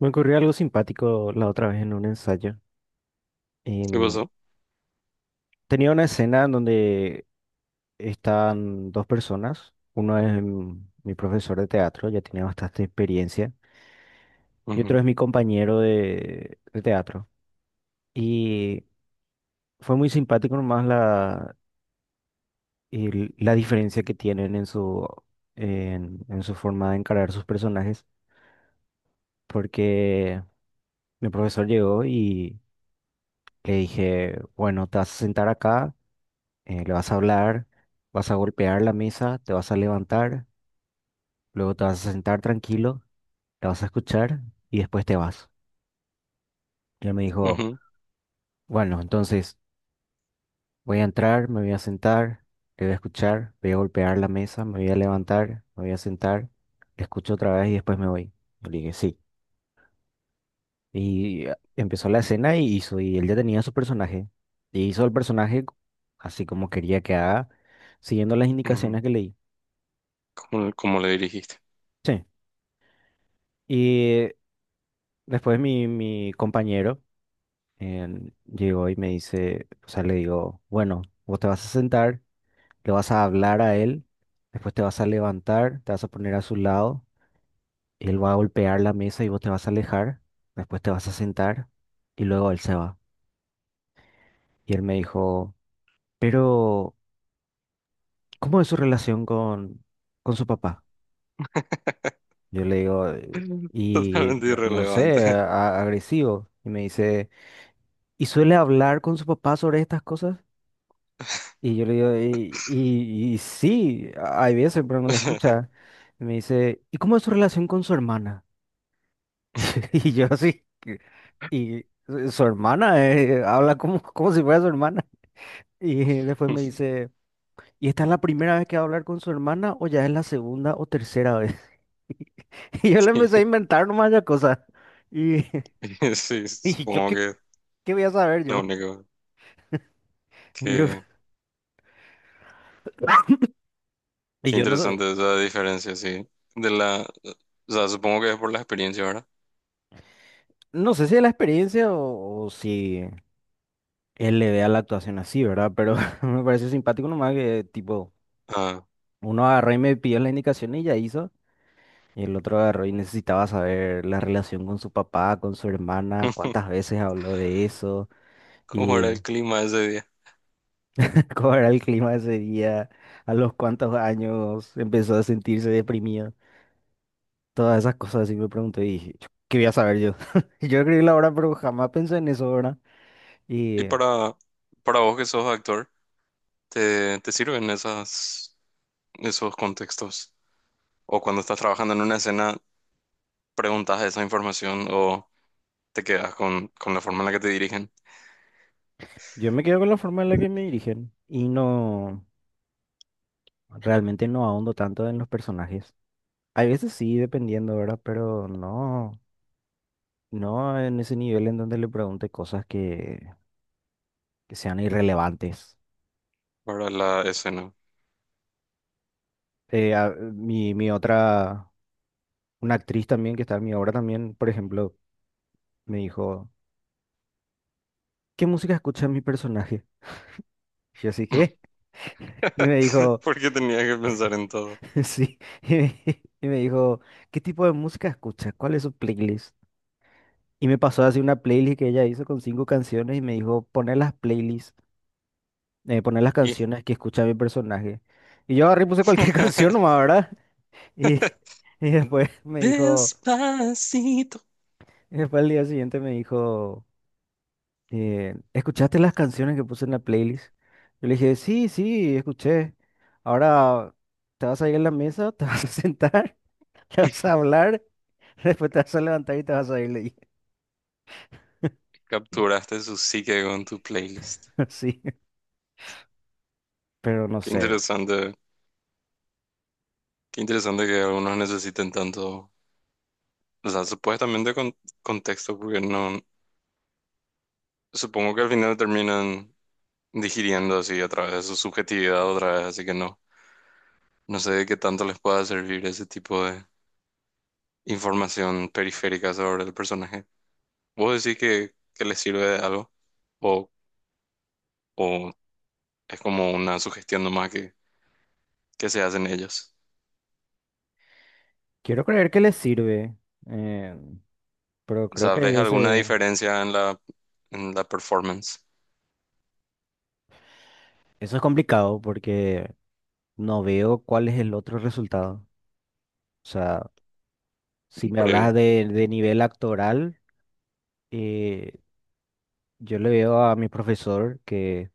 Me ocurrió algo simpático la otra vez en un ensayo. ¿Qué En- pasó? Tenía una escena en donde están dos personas. Uno es mi profesor de teatro, ya tiene bastante experiencia, y otro Ujú, es mi compañero de teatro. Y fue muy simpático nomás la diferencia que tienen en su, en su forma de encarar sus personajes, porque mi profesor llegó y le dije, bueno, te vas a sentar acá. Le vas a hablar, vas a golpear la mesa, te vas a levantar, luego te vas a sentar tranquilo, la vas a escuchar y después te vas. Y él me dijo, ujú, bueno, entonces voy a entrar, me voy a sentar, te voy a escuchar, voy a golpear la mesa, me voy a levantar, me voy a sentar, escucho otra vez y después me voy. Yo le dije, sí. Y empezó la escena y él ya tenía su personaje. Y hizo el personaje así como quería que haga, siguiendo las ujú. indicaciones que leí. ¿Cómo, cómo le dirigiste? Sí. Y después mi compañero llegó y me dice, o sea, le digo, bueno, vos te vas a sentar, le vas a hablar a él, después te vas a levantar, te vas a poner a su lado, él va a golpear la mesa y vos te vas a alejar, después te vas a sentar y luego él se va. Y él me dijo, pero, ¿cómo es su relación con su papá? Yo le digo, y Totalmente no sé, irrelevante. Agresivo. Y me dice, ¿y suele hablar con su papá sobre estas cosas? Y yo le digo, y sí, hay veces, pero no le escucha. Y me dice, ¿y cómo es su relación con su hermana? Y yo así, y su hermana habla como si fuera su hermana. Y después me dice, ¿y esta es la primera vez que va a hablar con su hermana o ya es la segunda o tercera vez? Y yo le empecé a Sí, inventar nomás ya cosas. Y, sí, y yo, supongo que ¿qué voy a saber lo yo? único Yo, que, y que yo no sé, interesante es la diferencia, sí. De o sea, supongo que es por la experiencia, ¿verdad? no sé si es la experiencia o si él le vea la actuación así, ¿verdad? Pero me pareció simpático nomás que, tipo, Ah, uno agarró y me pidió la indicación y ya hizo. Y el otro agarró y necesitaba saber la relación con su papá, con su hermana, cuántas veces habló de eso ¿cómo era y el clima ese día? cómo era el clima ese día, a los cuántos años empezó a sentirse deprimido. Todas esas cosas así me pregunté y dije, "Chu, ¿qué voy a saber yo? Yo escribí la obra, pero jamás pensé en eso, ¿verdad?" Y Y para vos que sos actor, ¿te, te sirven esos contextos? O cuando estás trabajando en una escena, ¿preguntas esa información o te quedas con la forma en la que te dirigen yo me quedo con la forma en la que me dirigen y no. Realmente no ahondo tanto en los personajes. Hay veces sí, dependiendo, ¿verdad? Pero no, no en ese nivel en donde le pregunte cosas que sean irrelevantes. para la escena? Mi, una actriz también que está en mi obra también, por ejemplo, me dijo, ¿qué música escucha mi personaje? Y yo así, ¿qué? Y me dijo, Porque tenía que pensar en todo. sí. Y me, y me dijo, ¿qué tipo de música escucha? ¿Cuál es su playlist? Y me pasó así una playlist que ella hizo con cinco canciones y me dijo, poner las playlists. Poner las Y canciones que escucha mi personaje. Y yo agarré y puse cualquier canción nomás, ¿verdad? Y, y después me dijo, Despacito. y después el día siguiente me dijo, ¿escuchaste las canciones que puse en la playlist? Yo le dije, sí, sí, escuché. Ahora te vas a ir a la mesa, te vas a sentar, te vas a hablar, después te vas a levantar y te vas a ir, le dije. Capturaste su psique con tu playlist. Sí, pero no Qué sé. interesante, qué interesante que algunos necesiten tanto, o sea, supuestamente con contexto, porque no, supongo que al final terminan digiriendo así a través de su subjetividad otra vez, así que no, no sé de qué tanto les pueda servir ese tipo de información periférica sobre el personaje. ¿Vos decís que le sirve de algo? ¿O, o es como una sugestión nomás que se hacen ellos? Quiero creer que les sirve, eh, pero O creo sea, que hay ¿ves alguna veces... diferencia en en la performance Eso es complicado porque no veo cuál es el otro resultado. O sea, si me hablas previa? De nivel actoral, eh, yo le veo a mi profesor que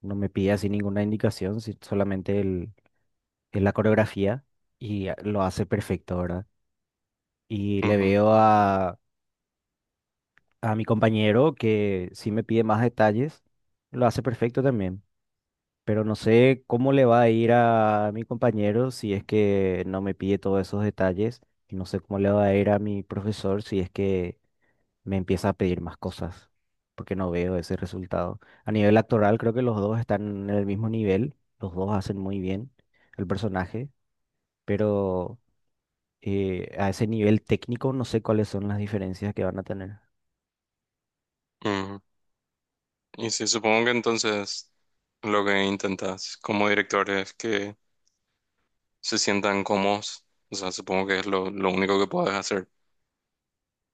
no me pide así ninguna indicación, solamente el la coreografía y lo hace perfecto, ¿verdad? Y le Ujú, veo a mi compañero que sí me pide más detalles, lo hace perfecto también. Pero no sé cómo le va a ir a mi compañero si es que no me pide todos esos detalles. Y no sé cómo le va a ir a mi profesor si es que me empieza a pedir más cosas, porque no veo ese resultado. A nivel actoral, creo que los dos están en el mismo nivel. Los dos hacen muy bien el personaje, pero a ese nivel técnico no sé cuáles son las diferencias que van a tener. ujú. Y sí, supongo que entonces lo que intentas como director es que se sientan cómodos. O sea, supongo que es lo único que puedes hacer,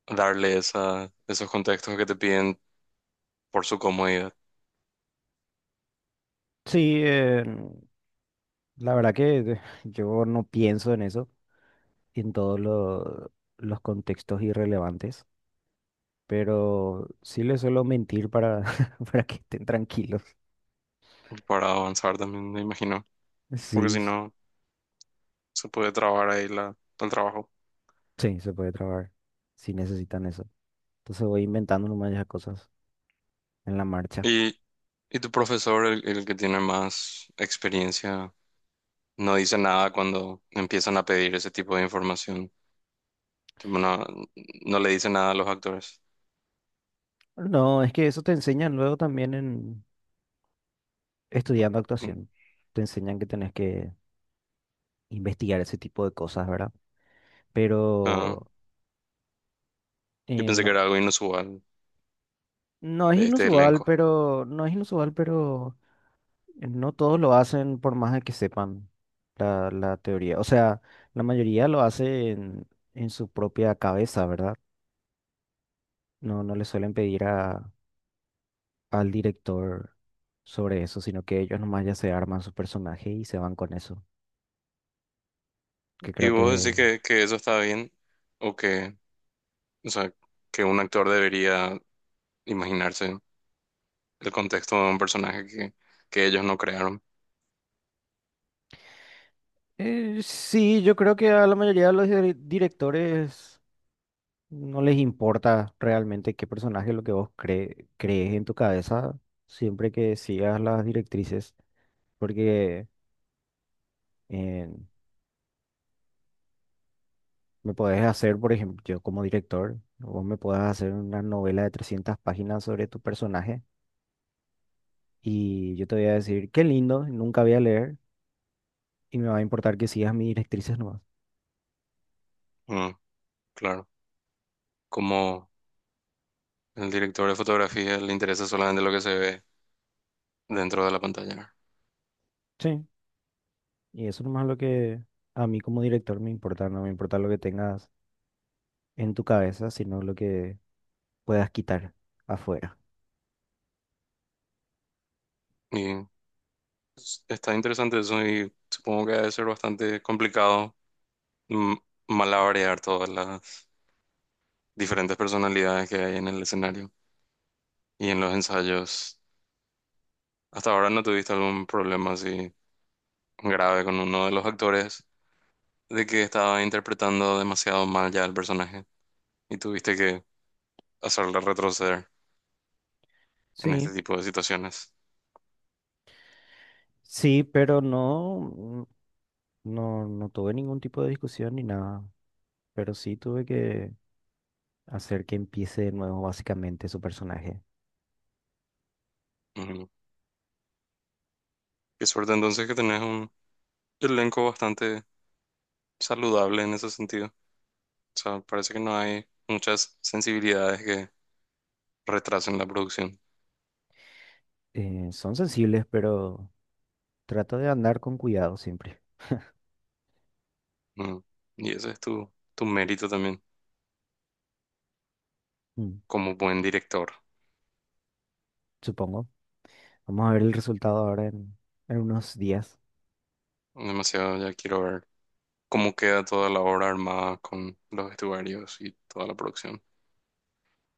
darle esos contextos que te piden por su comodidad Sí, la verdad que yo no pienso en eso. En los contextos irrelevantes, pero sí les suelo mentir para, para que estén tranquilos. para avanzar también, me imagino. Porque Sí, si s- no se puede trabajar ahí el trabajo. sí, se puede trabajar si necesitan eso. Entonces voy inventando nomás ya cosas en la marcha. Y, y tu profesor, el que tiene más experiencia, no dice nada cuando empiezan a pedir ese tipo de información. Tipo, no, no le dice nada a los actores. No, es que eso te enseñan luego también en estudiando Mm. actuación. Te enseñan que tenés que investigar ese tipo de cosas, ¿verdad? Ah, Pero yo pensé que no, era algo inusual no es de este inusual, elenco. pero no es inusual, pero no todos lo hacen por más de que sepan la teoría. O sea, la mayoría lo hace en su propia cabeza, ¿verdad? No, no le suelen pedir al director sobre eso, sino que ellos nomás ya se arman su personaje y se van con eso. Que ¿Y creo que... vos decís que eso está bien? ¿O que, o sea, que un actor debería imaginarse el contexto de un personaje que ellos no crearon? Sí, yo creo que a la mayoría de los directores no les importa realmente qué personaje es lo que vos crees en tu cabeza, siempre que sigas las directrices, porque... eh, me podés hacer, por ejemplo, yo como director, vos me podés hacer una novela de 300 páginas sobre tu personaje y yo te voy a decir, qué lindo, nunca voy a leer y me va a importar que sigas mis directrices nomás. Mm, claro. Como el director de fotografía le interesa solamente lo que se ve dentro de la pantalla. Sí, y eso nomás es lo que a mí como director me importa, no me importa lo que tengas en tu cabeza, sino lo que puedas quitar afuera. Y está interesante eso y supongo que debe ser bastante complicado, mm, malabarear todas las diferentes personalidades que hay en el escenario y en los ensayos. ¿Hasta ahora no tuviste algún problema así grave con uno de los actores de que estaba interpretando demasiado mal ya el personaje y tuviste que hacerle retroceder en Sí, este tipo de situaciones? sí, pero no, no no tuve ningún tipo de discusión ni nada, pero sí tuve que hacer que empiece de nuevo básicamente su personaje. Ujú. Qué suerte entonces que tenés un elenco bastante saludable en ese sentido. O sea, parece que no hay muchas sensibilidades que retrasen la producción. Son sensibles, pero trato de andar con cuidado siempre. Mm. Y ese es tu, tu mérito también Mm, como buen director. supongo. Vamos a ver el resultado ahora en unos días. Demasiado ya quiero ver cómo queda toda la obra armada con los vestuarios y toda la producción.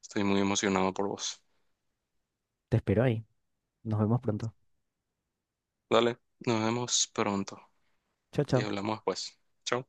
Estoy muy emocionado por vos. Te espero ahí. Nos vemos pronto. Dale, nos vemos pronto Chao, y chao. hablamos después. Chao.